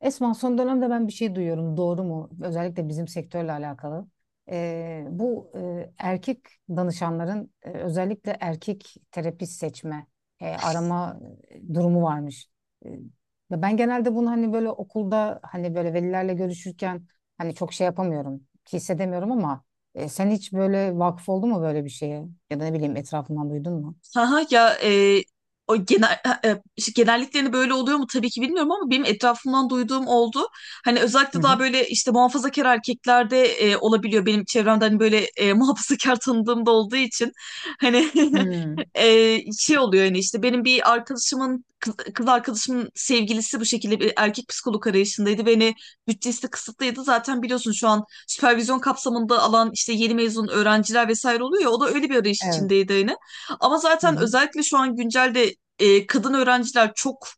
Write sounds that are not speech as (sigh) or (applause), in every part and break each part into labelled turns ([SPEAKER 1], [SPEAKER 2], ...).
[SPEAKER 1] Esma son dönemde ben bir şey duyuyorum. Doğru mu? Özellikle bizim sektörle alakalı. Erkek danışanların özellikle erkek terapist seçme, arama durumu varmış. E, ve ben genelde bunu hani böyle okulda hani böyle velilerle görüşürken hani çok şey yapamıyorum, hissedemiyorum ama sen hiç böyle vakıf oldun mu böyle bir şeye? Ya da ne bileyim etrafından duydun mu?
[SPEAKER 2] Haha ya o genel işte genelliklerini böyle oluyor mu, tabii ki bilmiyorum ama benim etrafımdan duyduğum oldu. Hani
[SPEAKER 1] Hı
[SPEAKER 2] özellikle daha
[SPEAKER 1] hı.
[SPEAKER 2] böyle işte muhafazakar erkeklerde olabiliyor. Benim çevremde hani böyle (laughs) muhafazakar tanıdığım da olduğu için hani
[SPEAKER 1] Hmm.
[SPEAKER 2] (laughs) şey oluyor yani, işte benim bir arkadaşımın kız arkadaşımın sevgilisi bu şekilde bir erkek psikolog arayışındaydı. Beni bütçesi de kısıtlıydı. Zaten biliyorsun, şu an süpervizyon kapsamında alan işte yeni mezun öğrenciler vesaire oluyor ya, o da öyle bir arayış
[SPEAKER 1] Evet.
[SPEAKER 2] içindeydi yine. Ama
[SPEAKER 1] Hı
[SPEAKER 2] zaten
[SPEAKER 1] hı.
[SPEAKER 2] özellikle şu an güncelde kadın öğrenciler çok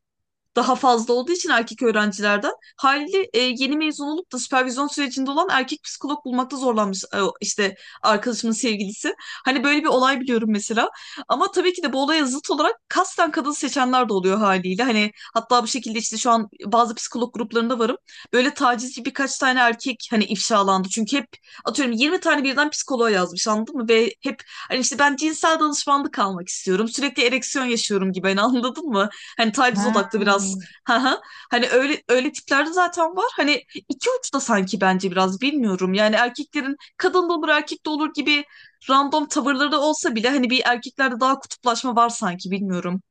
[SPEAKER 2] daha fazla olduğu için erkek öğrencilerden haliyle yeni mezun olup da süpervizyon sürecinde olan erkek psikolog bulmakta zorlanmış işte arkadaşımın sevgilisi. Hani böyle bir olay biliyorum mesela. Ama tabii ki de bu olaya zıt olarak kasten kadın seçenler de oluyor haliyle. Hani hatta bu şekilde işte şu an bazı psikolog gruplarında varım. Böyle tacizci birkaç tane erkek hani ifşalandı. Çünkü hep atıyorum 20 tane birden psikoloğa yazmış, anladın mı? Ve hep hani işte, ben cinsel danışmanlık almak istiyorum. Sürekli ereksiyon yaşıyorum gibi, hani, anladın mı? Hani taciz
[SPEAKER 1] Ha.
[SPEAKER 2] odaklı biraz. (laughs) Haha. Hani öyle öyle tiplerde zaten var. Hani iki uçta sanki, bence biraz bilmiyorum. Yani erkeklerin kadın da olur erkek de olur gibi random tavırları da olsa bile, hani bir erkeklerde daha kutuplaşma var sanki, bilmiyorum.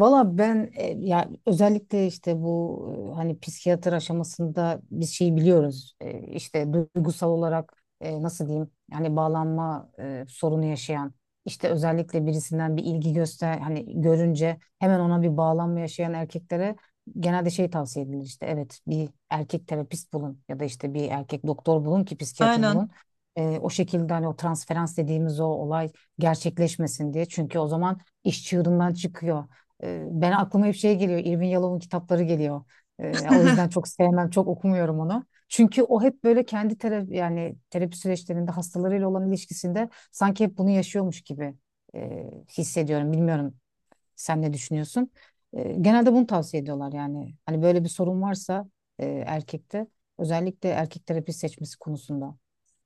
[SPEAKER 1] Valla ben ya özellikle işte bu hani psikiyatr aşamasında biz şeyi biliyoruz. İşte duygusal olarak nasıl diyeyim yani bağlanma sorunu yaşayan işte özellikle birisinden bir ilgi göster hani görünce hemen ona bir bağlanma yaşayan erkeklere genelde şey tavsiye edilir işte, evet, bir erkek terapist bulun ya da işte bir erkek doktor bulun ki psikiyatr
[SPEAKER 2] Aynen.
[SPEAKER 1] bulun. O şekilde hani o transferans dediğimiz o olay gerçekleşmesin diye, çünkü o zaman iş çığırından çıkıyor. Ben aklıma hep şey geliyor. Irvin Yalom'un kitapları geliyor. O yüzden çok sevmem, çok okumuyorum onu. Çünkü o hep böyle kendi terapi yani terapi süreçlerinde hastalarıyla olan ilişkisinde sanki hep bunu yaşıyormuş gibi e, hissediyorum. Bilmiyorum sen ne düşünüyorsun? Genelde bunu tavsiye ediyorlar yani. Hani böyle bir sorun varsa erkekte, özellikle erkek terapi seçmesi konusunda.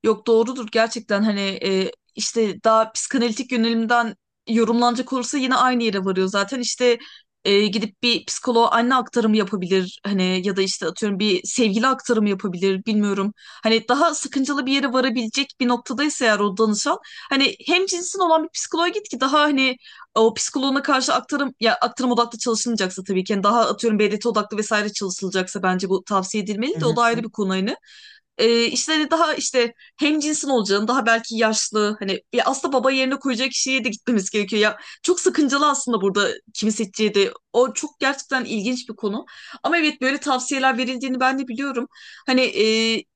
[SPEAKER 2] Yok, doğrudur gerçekten. Hani işte daha psikanalitik yönelimden yorumlanacak olursa yine aynı yere varıyor zaten. İşte gidip bir psikoloğa anne aktarımı yapabilir hani, ya da işte atıyorum bir sevgili aktarımı yapabilir, bilmiyorum. Hani daha sıkıntılı bir yere varabilecek bir noktadaysa eğer o danışan, hani hem cinsin olan bir psikoloğa git ki daha hani o psikoloğuna karşı aktarım, ya aktarım odaklı çalışılmayacaksa tabii ki. Yani daha atıyorum BDT odaklı vesaire çalışılacaksa bence bu tavsiye edilmeli de, o da ayrı bir konu hani. E, işte hani daha işte hem cinsin olacağını, daha belki yaşlı, hani ya aslında baba yerine koyacak kişiye de gitmemiz gerekiyor. Ya çok sakıncalı aslında burada, kimi seçeceği de. O çok gerçekten ilginç bir konu. Ama evet, böyle tavsiyeler verildiğini ben de biliyorum. Hani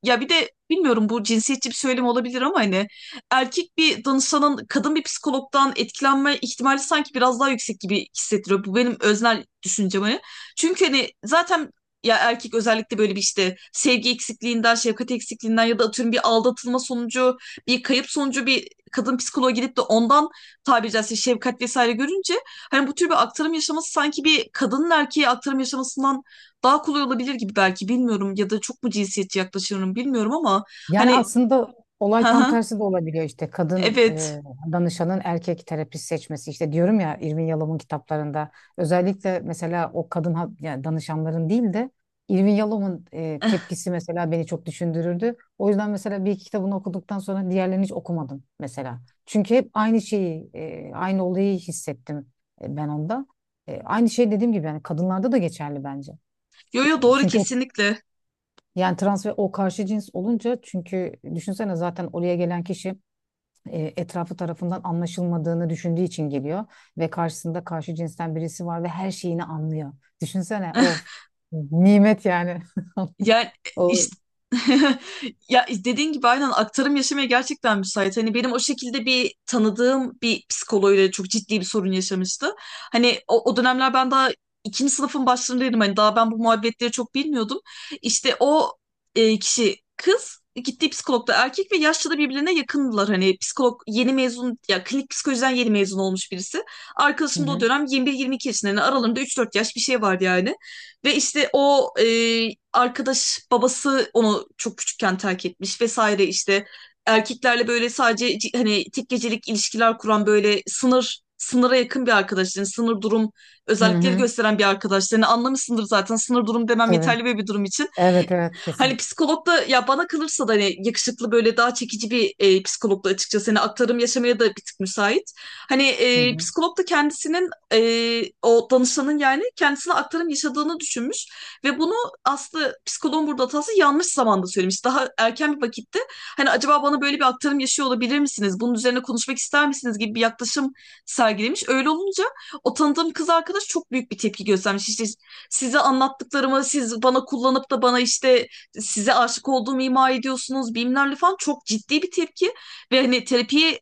[SPEAKER 2] ya bir de bilmiyorum, bu cinsiyetçi bir söylem olabilir ama hani erkek bir danışanın kadın bir psikologdan etkilenme ihtimali sanki biraz daha yüksek gibi hissettiriyor. Bu benim öznel düşüncem hani. Çünkü hani zaten ya, erkek özellikle böyle bir işte sevgi eksikliğinden, şefkat eksikliğinden ya da atıyorum bir aldatılma sonucu, bir kayıp sonucu bir kadın psikoloğa gidip de ondan tabiri caizse şefkat vesaire görünce, hani bu tür bir aktarım yaşaması sanki bir kadının erkeğe aktarım yaşamasından daha kolay olabilir gibi, belki, bilmiyorum. Ya da çok mu cinsiyetçi yaklaşıyorum, bilmiyorum ama
[SPEAKER 1] Yani
[SPEAKER 2] hani
[SPEAKER 1] aslında
[SPEAKER 2] (laughs)
[SPEAKER 1] olay tam
[SPEAKER 2] ha,
[SPEAKER 1] tersi de olabiliyor, işte kadın
[SPEAKER 2] evet.
[SPEAKER 1] danışanın erkek terapist seçmesi. İşte diyorum ya, Irvin Yalom'un kitaplarında özellikle mesela yani danışanların değil de Irvin Yalom'un tepkisi mesela beni çok düşündürürdü. O yüzden mesela bir iki kitabını okuduktan sonra diğerlerini hiç okumadım mesela. Çünkü hep aynı şeyi aynı olayı hissettim ben onda. Aynı şey dediğim gibi yani kadınlarda da geçerli bence.
[SPEAKER 2] Yo, yo,
[SPEAKER 1] E,
[SPEAKER 2] doğru,
[SPEAKER 1] çünkü
[SPEAKER 2] kesinlikle.
[SPEAKER 1] yani trans ve o karşı cins olunca, çünkü düşünsene zaten oraya gelen kişi etrafı tarafından anlaşılmadığını düşündüğü için geliyor ve karşısında karşı cinsten birisi var ve her şeyini anlıyor. Düşünsene, of, nimet yani. (laughs)
[SPEAKER 2] Yani
[SPEAKER 1] O
[SPEAKER 2] işte (laughs) ya dediğin gibi, aynen, aktarım yaşamaya gerçekten müsait. Hani benim o şekilde bir tanıdığım bir psikoloğuyla çok ciddi bir sorun yaşamıştı. Hani o dönemler ben daha ikinci sınıfın başlarındaydım. Hani daha ben bu muhabbetleri çok bilmiyordum. İşte o kişi kız, gittiği psikolog da erkek ve yaşça da birbirine yakındılar. Hani psikolog yeni mezun, ya klinik psikolojiden yeni mezun olmuş birisi.
[SPEAKER 1] hı
[SPEAKER 2] Arkadaşım da o
[SPEAKER 1] hı.
[SPEAKER 2] dönem 21-22 yaşında. Yani aralarında 3-4 yaş bir şey vardı yani. Ve işte o arkadaş, babası onu çok küçükken terk etmiş vesaire işte, erkeklerle böyle sadece hani tek gecelik ilişkiler kuran, böyle sınır sınıra yakın bir arkadaşların, sınır durum
[SPEAKER 1] Hı
[SPEAKER 2] özellikleri
[SPEAKER 1] hı.
[SPEAKER 2] gösteren bir arkadaşlarını anlamışsındır zaten, sınır durum demem
[SPEAKER 1] Tabii.
[SPEAKER 2] yeterli bir durum için.
[SPEAKER 1] Evet, evet,
[SPEAKER 2] Hani
[SPEAKER 1] kesinlikle.
[SPEAKER 2] psikolog da, ya bana kalırsa da hani yakışıklı böyle daha çekici bir psikolog da açıkçası, hani aktarım yaşamaya da bir tık müsait. Hani
[SPEAKER 1] Hı hı.
[SPEAKER 2] psikolog da kendisinin o danışanın yani kendisine aktarım yaşadığını düşünmüş ve bunu, aslında psikoloğun burada hatası, yanlış zamanda söylemiş. Daha erken bir vakitte, hani acaba bana böyle bir aktarım yaşıyor olabilir misiniz, bunun üzerine konuşmak ister misiniz gibi bir yaklaşım sergilemiş. Öyle olunca o tanıdığım kız arkadaş çok büyük bir tepki göstermiş. İşte, size anlattıklarımı siz bana kullanıp da bana işte size aşık olduğumu ima ediyorsunuz bilmem falan, çok ciddi bir tepki, ve hani terapiyi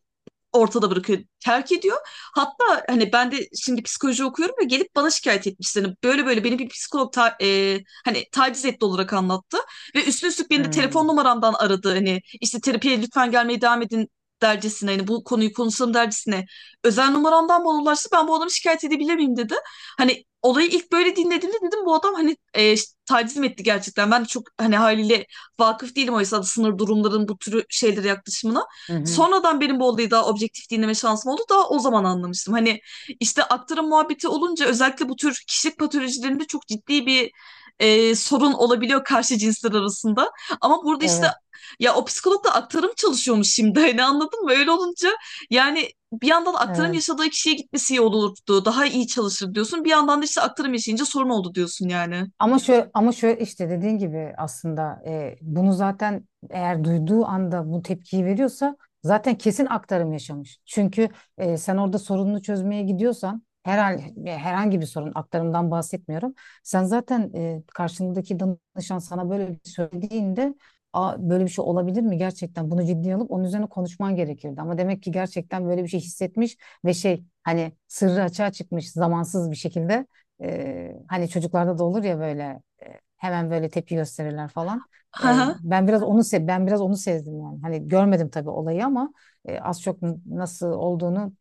[SPEAKER 2] ortada bırakıyor, terk ediyor. Hatta hani, ben de şimdi psikoloji okuyorum ve gelip bana şikayet etmişler. Hani böyle böyle, beni bir psikolog hani taciz etti olarak anlattı, ve üstüne üstlük
[SPEAKER 1] Hı
[SPEAKER 2] beni de
[SPEAKER 1] hı.
[SPEAKER 2] telefon numaramdan aradı. Hani işte terapiye lütfen gelmeye devam edin dercesine, hani bu konuyu konuşalım dercesine özel numaramdan bana ulaştı. Ben bu adamı şikayet edebilir miyim dedim. Hani olayı ilk böyle dinlediğimde dedim, bu adam hani taciz mi etti gerçekten. Ben de çok hani haliyle vakıf değilim oysa da sınır durumların bu türü şeylere yaklaşımına.
[SPEAKER 1] Hı hı.
[SPEAKER 2] Sonradan benim bu olayı daha objektif dinleme şansım oldu. Daha o zaman anlamıştım. Hani işte aktarım muhabbeti olunca, özellikle bu tür kişilik patolojilerinde çok ciddi bir sorun olabiliyor karşı cinsler arasında. Ama burada işte,
[SPEAKER 1] Evet,
[SPEAKER 2] ya o psikolog da aktarım çalışıyormuş şimdi, hani anladın mı? Öyle olunca yani, bir yandan aktarım
[SPEAKER 1] evet.
[SPEAKER 2] yaşadığı kişiye gitmesi iyi olurdu, daha iyi çalışır diyorsun. Bir yandan da işte aktarım yaşayınca sorun oldu diyorsun yani.
[SPEAKER 1] Ama şöyle, işte dediğin gibi aslında bunu zaten eğer duyduğu anda bu tepkiyi veriyorsa zaten kesin aktarım yaşamış. Çünkü sen orada sorununu çözmeye gidiyorsan herhangi bir sorun, aktarımdan bahsetmiyorum. Sen zaten karşındaki danışan sana böyle bir şey söylediğinde, aa, böyle bir şey olabilir mi gerçekten, bunu ciddiye alıp onun üzerine konuşman gerekirdi. Ama demek ki gerçekten böyle bir şey hissetmiş ve şey, hani, sırrı açığa çıkmış zamansız bir şekilde. Hani çocuklarda da olur ya böyle hemen böyle tepki gösterirler falan.
[SPEAKER 2] (laughs)
[SPEAKER 1] Ben biraz onu sezdim yani. Hani görmedim tabii olayı ama az çok nasıl olduğunu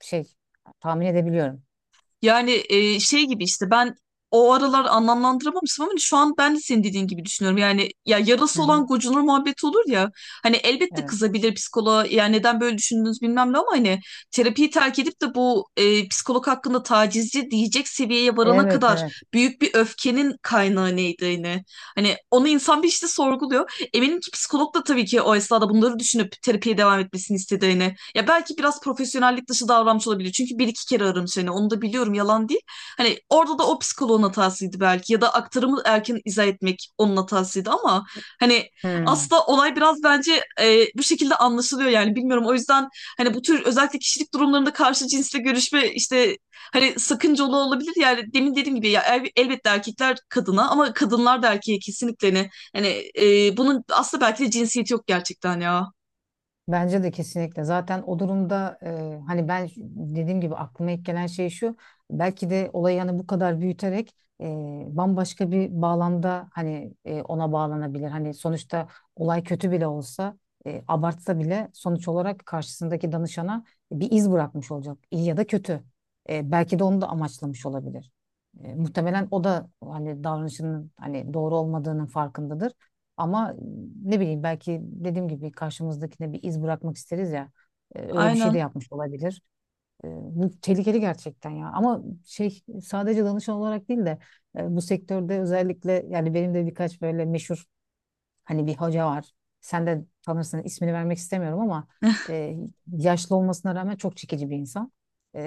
[SPEAKER 1] şey tahmin edebiliyorum.
[SPEAKER 2] Yani şey gibi işte, ben o aralar anlamlandıramamıştım ama hani şu an ben de senin dediğin gibi düşünüyorum. Yani ya,
[SPEAKER 1] Hı
[SPEAKER 2] yarası
[SPEAKER 1] hı.
[SPEAKER 2] olan gocunur muhabbeti olur ya. Hani elbette
[SPEAKER 1] Evet.
[SPEAKER 2] kızabilir psikoloğa, ya neden böyle düşündünüz bilmem ne, ama hani terapiyi terk edip de bu psikolog hakkında tacizci diyecek seviyeye varana
[SPEAKER 1] Evet,
[SPEAKER 2] kadar
[SPEAKER 1] evet.
[SPEAKER 2] büyük bir öfkenin kaynağı neydi yine. Hani onu insan bir işte sorguluyor. Eminim ki psikolog da tabii ki o esnada bunları düşünüp terapiye devam etmesini istedi yine. Ya belki biraz profesyonellik dışı davranmış olabilir. Çünkü bir iki kere aramış seni, onu da biliyorum, yalan değil. Hani orada da o psikoloğun hatasıydı belki, ya da aktarımı erken izah etmek onun hatasıydı ama hani
[SPEAKER 1] Hmm.
[SPEAKER 2] aslında olay biraz bence bu şekilde anlaşılıyor yani, bilmiyorum. O yüzden hani bu tür özellikle kişilik durumlarında karşı cinsle görüşme işte hani sakıncalı olabilir. Yani demin dediğim gibi ya, elbette erkekler kadına, ama kadınlar da erkeğe kesinlikle, ne hani bunun aslında belki de cinsiyeti yok gerçekten ya.
[SPEAKER 1] Bence de kesinlikle. Zaten o durumda hani ben dediğim gibi aklıma ilk gelen şey şu. Belki de olayı hani bu kadar büyüterek e, bambaşka bir bağlamda hani ona bağlanabilir. Hani sonuçta olay kötü bile olsa, abartsa bile, sonuç olarak karşısındaki danışana bir iz bırakmış olacak. İyi ya da kötü. Belki de onu da amaçlamış olabilir. Muhtemelen o da hani davranışının hani doğru olmadığının farkındadır. Ama ne bileyim, belki dediğim gibi karşımızdakine bir iz bırakmak isteriz ya. Öyle bir şey de
[SPEAKER 2] Aynen.
[SPEAKER 1] yapmış olabilir. Bu tehlikeli gerçekten ya. Ama şey, sadece danışan olarak değil de bu sektörde özellikle, yani benim de birkaç böyle meşhur, hani bir hoca var. Sen de tanırsın, ismini vermek istemiyorum ama e, yaşlı olmasına rağmen çok çekici bir insan.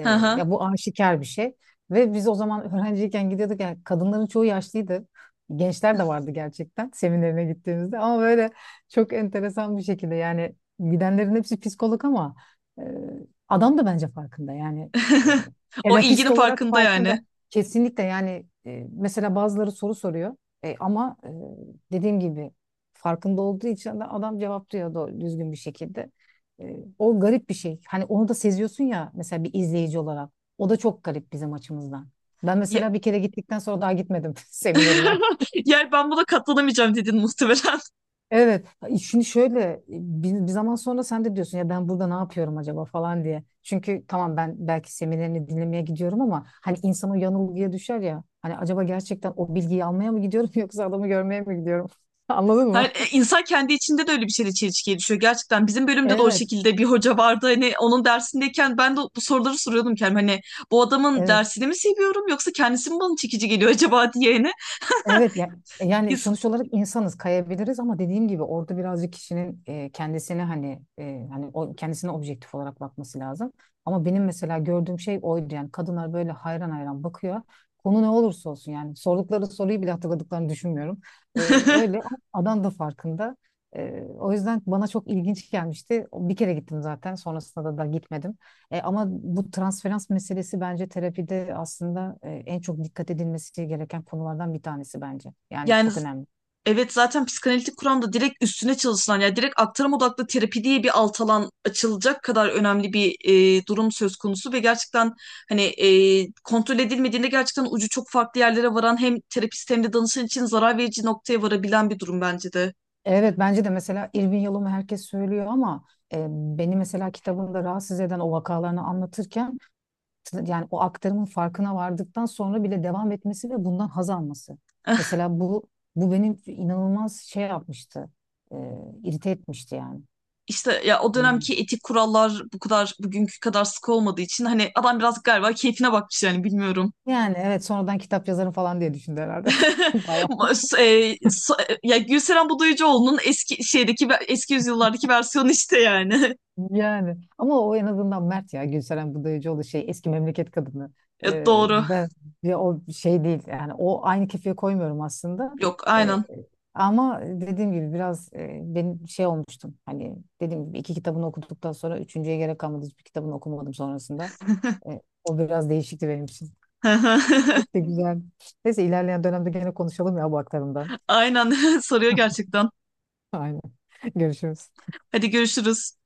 [SPEAKER 2] (laughs) Hı hı.
[SPEAKER 1] ya bu aşikar bir şey. Ve biz o zaman öğrenciyken gidiyorduk. Yani kadınların çoğu yaşlıydı. Gençler de vardı gerçekten seminerine gittiğimizde. Ama böyle çok enteresan bir şekilde, yani gidenlerin hepsi psikolog ama e, adam da bence farkında. Yani e,
[SPEAKER 2] (laughs) O
[SPEAKER 1] terapist
[SPEAKER 2] ilginin
[SPEAKER 1] olarak
[SPEAKER 2] farkında, yani.
[SPEAKER 1] farkında. Kesinlikle yani. Mesela bazıları soru soruyor. Ama dediğim gibi farkında olduğu için de adam cevaplıyor da düzgün bir şekilde. O garip bir şey. Hani onu da seziyorsun ya mesela bir izleyici olarak. O da çok garip bizim açımızdan. Ben
[SPEAKER 2] Ye-
[SPEAKER 1] mesela bir kere gittikten sonra daha gitmedim (laughs) seminerine.
[SPEAKER 2] (laughs) Yani ben buna katlanamayacağım dedin muhtemelen.
[SPEAKER 1] Evet. Şimdi şöyle, bir zaman sonra sen de diyorsun ya ben burada ne yapıyorum acaba falan diye. Çünkü tamam, ben belki seminerini dinlemeye gidiyorum ama hani insan o yanılgıya düşer ya. Hani acaba gerçekten o bilgiyi almaya mı gidiyorum (laughs) yoksa adamı görmeye mi gidiyorum? (laughs) Anladın
[SPEAKER 2] (laughs)
[SPEAKER 1] mı?
[SPEAKER 2] Hayır, insan kendi içinde de öyle bir şeyle çelişkiye düşüyor gerçekten. Bizim bölümde de o
[SPEAKER 1] Evet.
[SPEAKER 2] şekilde bir hoca vardı. Hani onun dersindeyken ben de bu soruları soruyordum kendime. Hani bu adamın
[SPEAKER 1] Evet.
[SPEAKER 2] dersini mi seviyorum, yoksa kendisi mi bana çekici geliyor acaba, diye. Hani.
[SPEAKER 1] Evet ya, yani
[SPEAKER 2] İns-
[SPEAKER 1] sonuç olarak insanız, kayabiliriz ama dediğim gibi orada birazcık kişinin kendisine hani hani o kendisine objektif olarak bakması lazım. Ama benim mesela gördüğüm şey oydu, yani kadınlar böyle hayran hayran bakıyor. Konu ne olursa olsun yani sordukları soruyu bile hatırladıklarını düşünmüyorum. E, Öyle,
[SPEAKER 2] (laughs)
[SPEAKER 1] ama adam da farkında. O yüzden bana çok ilginç gelmişti. Bir kere gittim zaten, sonrasında da gitmedim. Ama bu transferans meselesi bence terapide aslında en çok dikkat edilmesi gereken konulardan bir tanesi bence. Yani
[SPEAKER 2] Yani,
[SPEAKER 1] çok önemli.
[SPEAKER 2] evet, zaten psikanalitik kuramda direkt üstüne çalışılan, yani direkt aktarım odaklı terapi diye bir alt alan açılacak kadar önemli bir durum söz konusu, ve gerçekten hani kontrol edilmediğinde gerçekten ucu çok farklı yerlere varan, hem terapist hem de danışan için zarar verici noktaya varabilen bir durum bence de.
[SPEAKER 1] Evet, bence de. Mesela Irvin Yalom'u herkes söylüyor ama beni mesela kitabında rahatsız eden o vakalarını anlatırken yani o aktarımın farkına vardıktan sonra bile devam etmesi ve bundan haz alması.
[SPEAKER 2] (laughs)
[SPEAKER 1] Mesela bu benim inanılmaz şey yapmıştı. E, irite etmişti yani.
[SPEAKER 2] İşte ya, o dönemki etik kurallar bu kadar bugünkü kadar sıkı olmadığı için hani adam biraz galiba keyfine bakmış yani, bilmiyorum.
[SPEAKER 1] Yani evet, sonradan kitap yazarım falan diye düşündü herhalde. (laughs) Bayağı.
[SPEAKER 2] (laughs) Ya Gülseren Budayıcıoğlu'nun eski şeydeki eski yüzyıllardaki versiyonu işte yani. (laughs)
[SPEAKER 1] Yani ama o en azından Mert, ya Gülseren Budayıcıoğlu şey, eski memleket kadını. Ee,
[SPEAKER 2] Doğru.
[SPEAKER 1] ben ya, o şey değil yani, o, aynı kefeye koymuyorum aslında.
[SPEAKER 2] Yok,
[SPEAKER 1] Ee,
[SPEAKER 2] aynen.
[SPEAKER 1] ama dediğim gibi biraz benim şey olmuştum. Hani dediğim gibi iki kitabını okuduktan sonra üçüncüye gerek kalmadı. Hiçbir kitabını okumadım sonrasında. O biraz değişikti benim için.
[SPEAKER 2] (laughs)
[SPEAKER 1] İşte güzel. Neyse, ilerleyen dönemde gene konuşalım ya bu aktarımdan.
[SPEAKER 2] Aynen, (laughs) soruyor
[SPEAKER 1] (laughs)
[SPEAKER 2] gerçekten.
[SPEAKER 1] Aynen. Görüşürüz.
[SPEAKER 2] Hadi, görüşürüz.